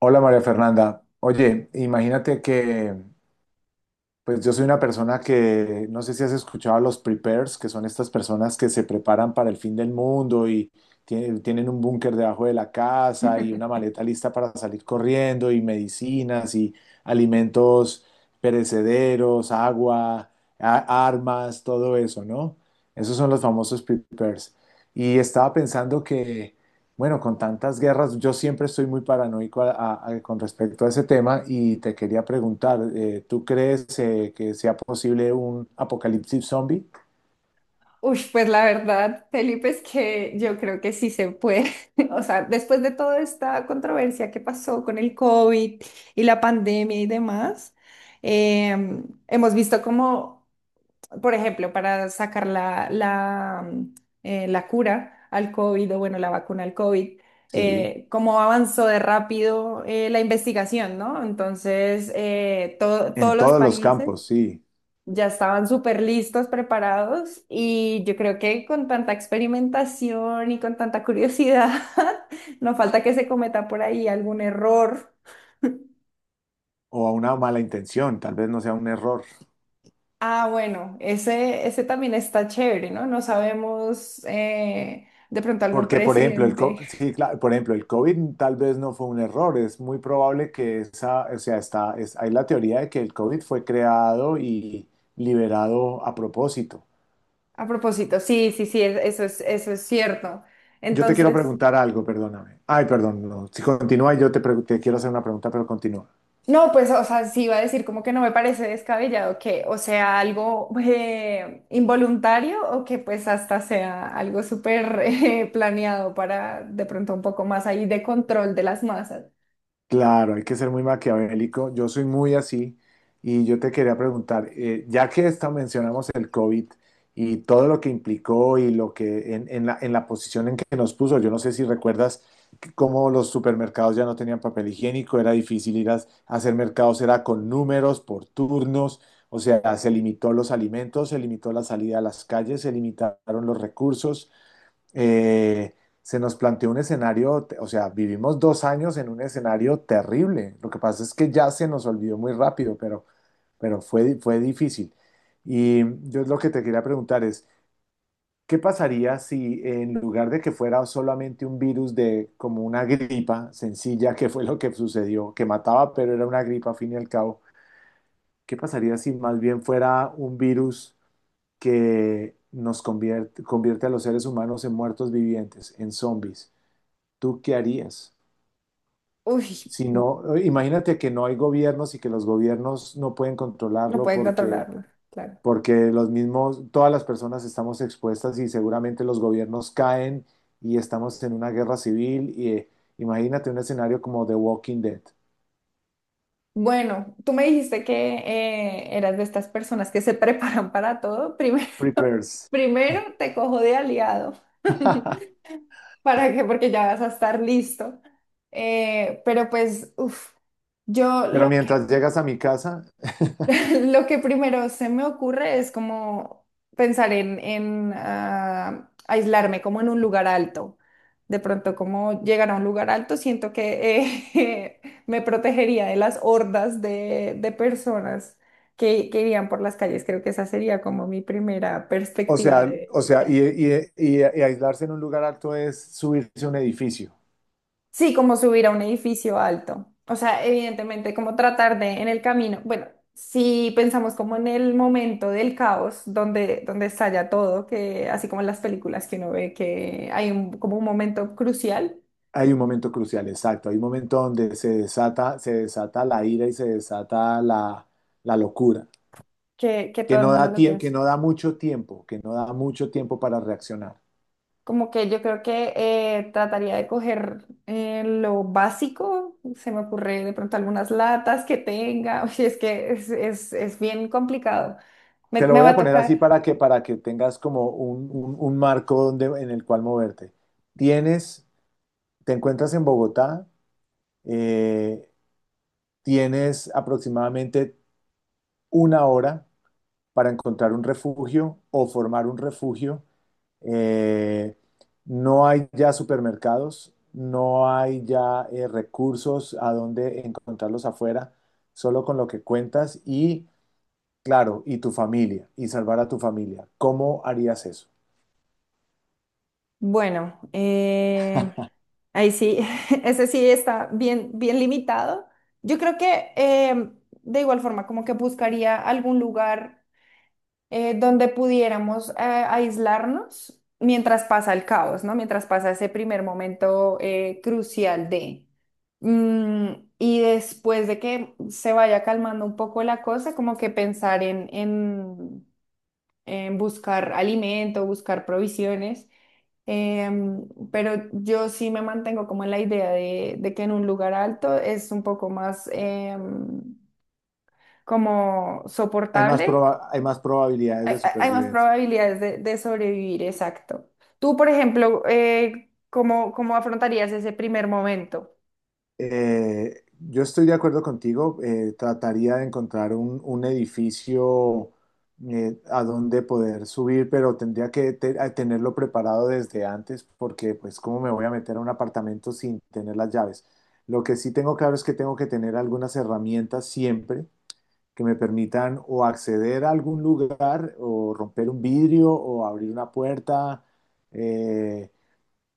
Hola María Fernanda. Oye, imagínate que pues yo soy una persona que no sé si has escuchado a los preppers, que son estas personas que se preparan para el fin del mundo y tienen un búnker debajo de la casa y una maleta lista para salir corriendo y medicinas y alimentos perecederos, agua, armas, todo eso, ¿no? Esos son los famosos preppers. Y estaba pensando que bueno, con tantas guerras, yo siempre estoy muy paranoico con respecto a ese tema y te quería preguntar, ¿tú crees que sea posible un apocalipsis zombie? Uy, pues la verdad, Felipe, es que yo creo que sí se puede. O sea, después de toda esta controversia que pasó con el COVID y la pandemia y demás, hemos visto como, por ejemplo, para sacar la cura al COVID o bueno, la vacuna al COVID, Sí, cómo avanzó de rápido, la investigación, ¿no? Entonces, todos en los todos los países... campos, sí, ya estaban súper listos, preparados y yo creo que con tanta experimentación y con tanta curiosidad, no falta que se cometa por ahí algún error. o a una mala intención, tal vez no sea un error. Ah, bueno, ese también está chévere, ¿no? No sabemos, de pronto algún Porque, por ejemplo, presidente. sí, claro, por ejemplo, el COVID tal vez no fue un error, es muy probable que o sea, hay la teoría de que el COVID fue creado y liberado a propósito. A propósito, sí, sí, sí, eso es cierto. Yo te quiero Entonces... preguntar algo, perdóname. Ay, perdón, no. Si continúa, te quiero hacer una pregunta, pero continúa. No, pues, o sea, sí iba a decir como que no me parece descabellado que o sea algo, involuntario o que pues hasta sea algo súper planeado para de pronto un poco más ahí de control de las masas. Claro, hay que ser muy maquiavélico. Yo soy muy así y yo te quería preguntar, ya que esta mencionamos el COVID y todo lo que implicó y lo que en la posición en que nos puso, yo no sé si recuerdas que cómo los supermercados ya no tenían papel higiénico, era difícil ir a hacer mercados, era con números, por turnos. O sea, se limitó los alimentos, se limitó la salida a las calles, se limitaron los recursos. eh, Se nos planteó un escenario, o sea, vivimos 2 años en un escenario terrible. Lo que pasa es que ya se nos olvidó muy rápido, pero, fue difícil. Y yo lo que te quería preguntar es, ¿qué pasaría si en lugar de que fuera solamente un virus de como una gripa sencilla, que fue lo que sucedió, que mataba, pero era una gripa al fin y al cabo, ¿qué pasaría si más bien fuera un virus que nos convierte a los seres humanos en muertos vivientes, en zombies? ¿Tú qué harías? Uy, Si no, imagínate que no hay gobiernos y que los gobiernos no pueden no controlarlo pueden porque, controlarlo, claro. porque todas las personas estamos expuestas y seguramente los gobiernos caen y estamos en una guerra civil. Y imagínate un escenario como The Walking Dead. Bueno, tú me dijiste que eras de estas personas que se preparan para todo. Primero, Prepares. primero te cojo de aliado. ¿Para qué? Porque ya vas a estar listo. Pero pues, uff, yo Pero lo mientras llegas a mi casa, lo que primero se me ocurre es como pensar en aislarme como en un lugar alto. De pronto, como llegar a un lugar alto, siento que eh, me protegería de las hordas de personas que irían por las calles. Creo que esa sería como mi primera o perspectiva sea, o de sea, y aislarse en un lugar alto es subirse a un edificio. sí, como subir a un edificio alto. O sea, evidentemente, como tratar de en el camino. Bueno, si pensamos como en el momento del caos, donde estalla todo, que así como en las películas que uno ve que hay un, como un momento crucial Hay un momento crucial, exacto. Hay un momento donde se desata la ira y se desata la locura, que todo el mundo lo que que es. no da mucho tiempo, que no da mucho tiempo para reaccionar. Como que yo creo que trataría de coger lo básico, se me ocurre de pronto algunas latas que tenga, o sea, es que es bien complicado. me Te lo me voy va a a poner así tocar. para que tengas como un marco donde, en el cual moverte. Tienes, Te encuentras en Bogotá, eh, tienes aproximadamente 1 hora para encontrar un refugio o formar un refugio. Eh, no hay ya supermercados, no hay ya recursos a donde encontrarlos afuera, solo con lo que cuentas y, claro, y tu familia, y salvar a tu familia. ¿Cómo harías eso? Bueno, ahí sí, ese sí está bien, bien limitado. Yo creo que de igual forma, como que buscaría algún lugar, donde pudiéramos aislarnos mientras pasa el caos, ¿no? Mientras pasa ese primer momento, crucial de... Mm, y después de que se vaya calmando un poco la cosa, como que pensar en en buscar alimento, buscar provisiones. Pero yo sí me mantengo como en la idea de que en un lugar alto es un poco más, como soportable. Hay más probabilidades de Hay más supervivencia. probabilidades de sobrevivir, exacto. Tú, por ejemplo, ¿ cómo afrontarías ese primer momento? Yo estoy de acuerdo contigo. Trataría de encontrar un edificio a donde poder subir, pero tendría que te- a tenerlo preparado desde antes porque, pues, ¿cómo me voy a meter a un apartamento sin tener las llaves? Lo que sí tengo claro es que tengo que tener algunas herramientas siempre que me permitan o acceder a algún lugar o romper un vidrio o abrir una puerta. eh,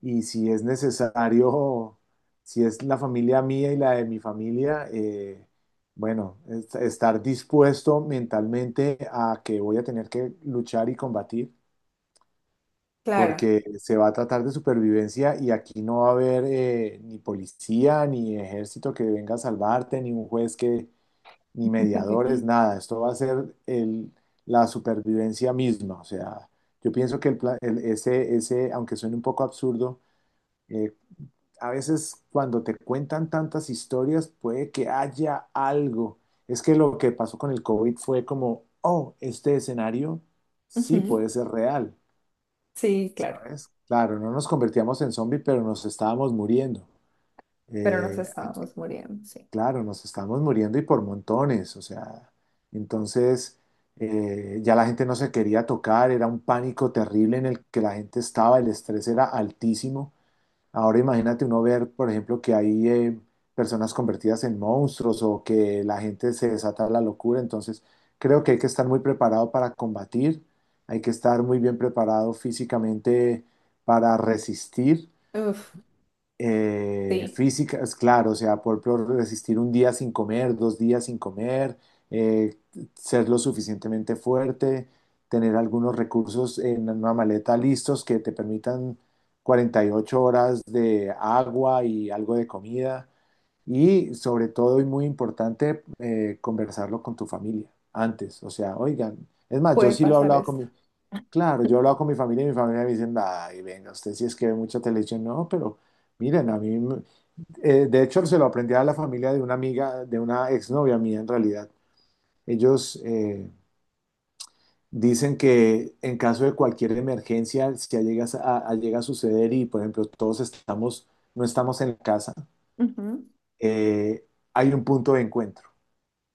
y si es necesario, si es la familia mía y la de mi familia, bueno, estar dispuesto mentalmente a que voy a tener que luchar y combatir, Claro. porque se va a tratar de supervivencia y aquí no va a haber ni policía, ni ejército que venga a salvarte, ni un juez que, ni mediadores, nada. Esto va a ser la supervivencia misma. O sea, yo pienso que el, pla- el- ese, aunque suene un poco absurdo, eh, a veces cuando te cuentan tantas historias puede que haya algo. Es que lo que pasó con el COVID fue como, oh, este escenario sí Ujú. puede ser real, Sí, claro. ¿sabes? Claro, no nos convertíamos en zombie, pero nos estábamos muriendo. Pero nos Eh, estábamos muriendo, sí. claro, nos estábamos muriendo y por montones, o sea, entonces ya la gente no se quería tocar, era un pánico terrible en el que la gente estaba, el estrés era altísimo. Ahora imagínate uno ver, por ejemplo, que hay personas convertidas en monstruos o que la gente se desata la locura. Entonces, creo que hay que estar muy preparado para combatir, hay que estar muy bien preparado físicamente para resistir Uf, sí, físicas, claro, o sea, por resistir un día sin comer, 2 días sin comer, eh, ser lo suficientemente fuerte, tener algunos recursos en una maleta listos que te permitan 48 horas de agua y algo de comida. Y sobre todo, y muy importante, conversarlo con tu familia antes. O sea, oigan, es más, yo puede sí lo he pasar hablado con esto. mi. Claro, yo hablaba con mi familia y mi familia me dicen, ay, venga, usted sí es que ve mucha televisión. No, pero miren, a mí, de hecho, se lo aprendí a la familia de una amiga, de una exnovia mía en realidad. Ellos dicen que en caso de cualquier emergencia, si llega llega a suceder y, por ejemplo, todos estamos, no estamos en la casa, Ujú. eh, hay un punto de encuentro.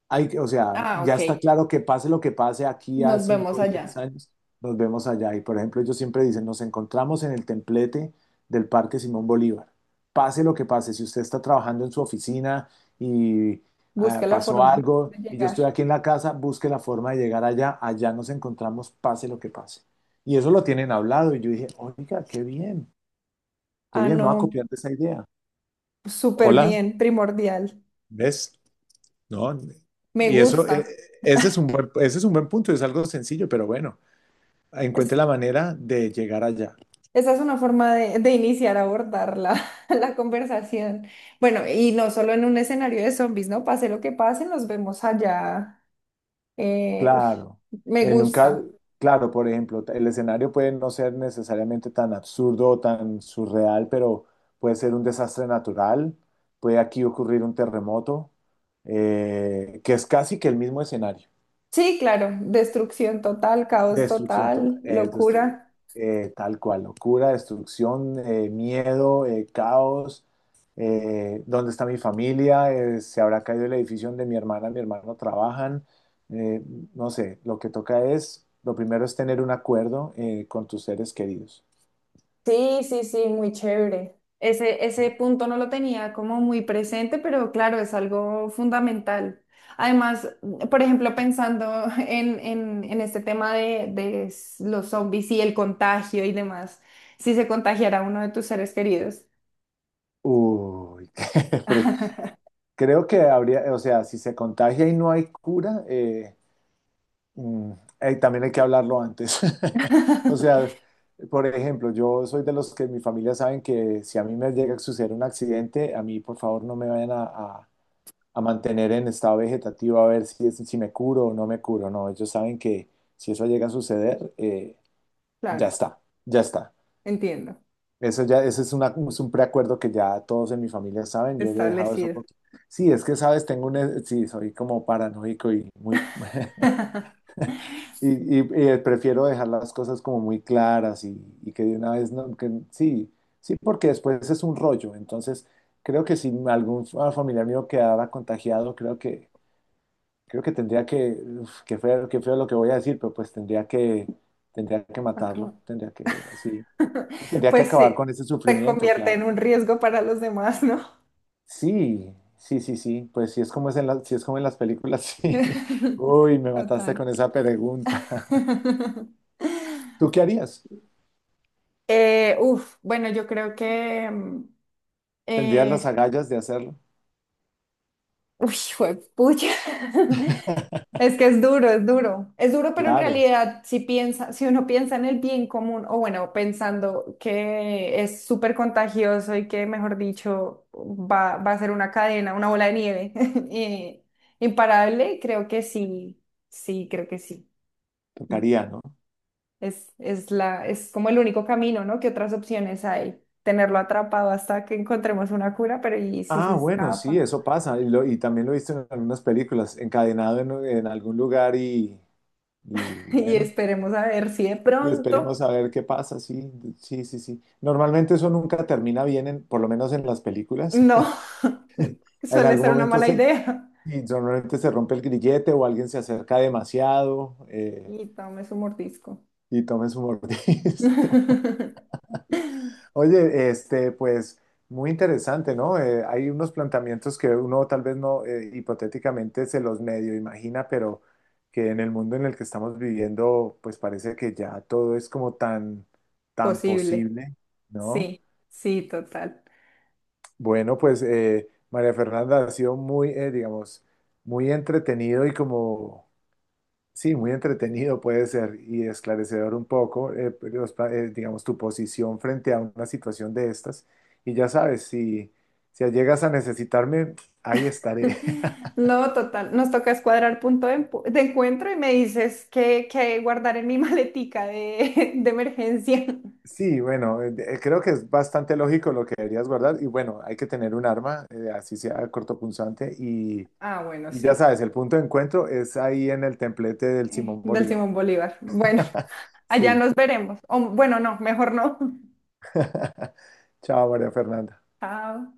O sea, Ah, ya ok. está claro que pase lo que pase aquí a Nos 5, vemos o 10 allá. años, nos vemos allá. Y por ejemplo, ellos siempre dicen, nos encontramos en el templete del Parque Simón Bolívar. Pase lo que pase, si usted está trabajando en su oficina y Busca la pasó forma algo de y yo llegar. estoy aquí en la casa, busque la forma de llegar allá, allá nos encontramos, pase lo que pase. Y eso lo tienen hablado y yo dije, oiga, qué Ah, bien, me voy a no, copiar de esa idea. súper Hola, bien, primordial. ¿ves? No, Me y eso, gusta. ese es un buen, ese es un buen punto, es algo sencillo, pero bueno, encuentre la manera de llegar allá. Esa es una forma de iniciar a abordar la, la conversación. Bueno, y no solo en un escenario de zombies, ¿no? Pase lo que pase, nos vemos allá. Uf, Claro, me en un ca- gusta. claro, por ejemplo, el escenario puede no ser necesariamente tan absurdo o tan surreal, pero puede ser un desastre natural, puede aquí ocurrir un terremoto, que es casi que el mismo escenario. Sí, claro, destrucción total, caos Destrucción total, total, locura. Tal cual, locura, destrucción, miedo, caos. ¿Dónde está mi familia? ¿Se habrá caído el edificio donde mi hermana, mi hermano trabajan? Eh, no sé, lo que toca es, lo primero es tener un acuerdo con tus seres queridos. Sí, sí, sí, muy chévere. Ese punto no lo tenía como muy presente, pero claro, es algo fundamental. Además, por ejemplo, pensando en este tema de los zombies y el contagio y demás, si se contagiara uno de tus seres queridos. Uy, qué pre- creo que habría, o sea, si se contagia y no hay cura, Mm, también hay que hablarlo antes. O sea, por ejemplo, yo soy de los que mi familia saben que si a mí me llega a suceder un accidente, a mí por favor no me vayan a mantener en estado vegetativo a ver si, si me curo o no me curo. No, ellos saben que si eso llega a suceder, ya Claro, está, ya está. entiendo, Eso ya, ese es, es un preacuerdo que ya todos en mi familia saben. Yo le he dejado eso establecido. por. Sí, es que sabes, tengo un. Sí, soy como paranoico y muy. Y, Prefiero dejar las cosas como muy claras y que de una vez, no, sí, sí, porque después es un rollo. Entonces, creo que si algún familiar mío quedara contagiado, creo que tendría que, uf, qué feo lo que voy a decir, pero pues tendría que matarlo, Acabo. Así, y tendría que Pues acabar sí, con ese se sufrimiento, convierte claro. en un riesgo para los demás, ¿no? Sí, sí, sí, sí, pues si es como es si es como en las películas, sí. Uy, me mataste Total. con esa pregunta. ¿Tú qué harías? Uf, bueno, yo creo que... mm, ¿Tendrías las eh, agallas de hacerlo? uy, juepucha. Es que es duro, es duro. Es duro, pero en Claro, realidad, si piensa, si uno piensa en el bien común, o bueno, pensando que es súper contagioso y que, mejor dicho, va a ser una cadena, una bola de nieve eh, imparable, creo que sí, sí, creo que sí. tocaría, ¿no? Es como el único camino, ¿no? ¿Qué otras opciones hay? Tenerlo atrapado hasta que encontremos una cura, pero ¿y si se Ah, bueno, sí, escapa? eso pasa. Y también lo he visto en algunas películas, encadenado en algún lugar y, y Y bueno, esperemos a ver si de y pronto esperemos a ver qué pasa, sí, sí, sí, sí. Normalmente eso nunca termina bien, por lo menos en las películas. no, En suele algún ser una momento mala idea. y normalmente se rompe el grillete o alguien se acerca demasiado Y tome su mordisco. y tomen su mordisco. Oye, pues muy interesante, ¿no? Hay unos planteamientos que uno tal vez no hipotéticamente se los medio imagina, pero que en el mundo en el que estamos viviendo, pues parece que ya todo es como tan, tan Posible. posible, ¿no? Sí, sí, total. Bueno, pues María Fernanda ha sido muy, digamos, muy entretenido y como. Sí, muy entretenido puede ser y esclarecedor un poco, digamos, tu posición frente a una situación de estas. Y ya sabes, si, si llegas a necesitarme, ahí estaré. No, total. Nos toca escuadrar punto de, de encuentro y me dices que guardar en mi maletica de, de emergencia. Sí, bueno, creo que es bastante lógico lo que deberías guardar. Y bueno, hay que tener un arma, así sea cortopunzante. Y, Ah, bueno, y ya sí. sabes, el punto de encuentro es ahí en el templete del Eh, Simón del Bolívar. Simón Bolívar. Bueno, allá Sí. nos veremos. O, bueno, no, mejor no. Chao, María Fernanda. Chao.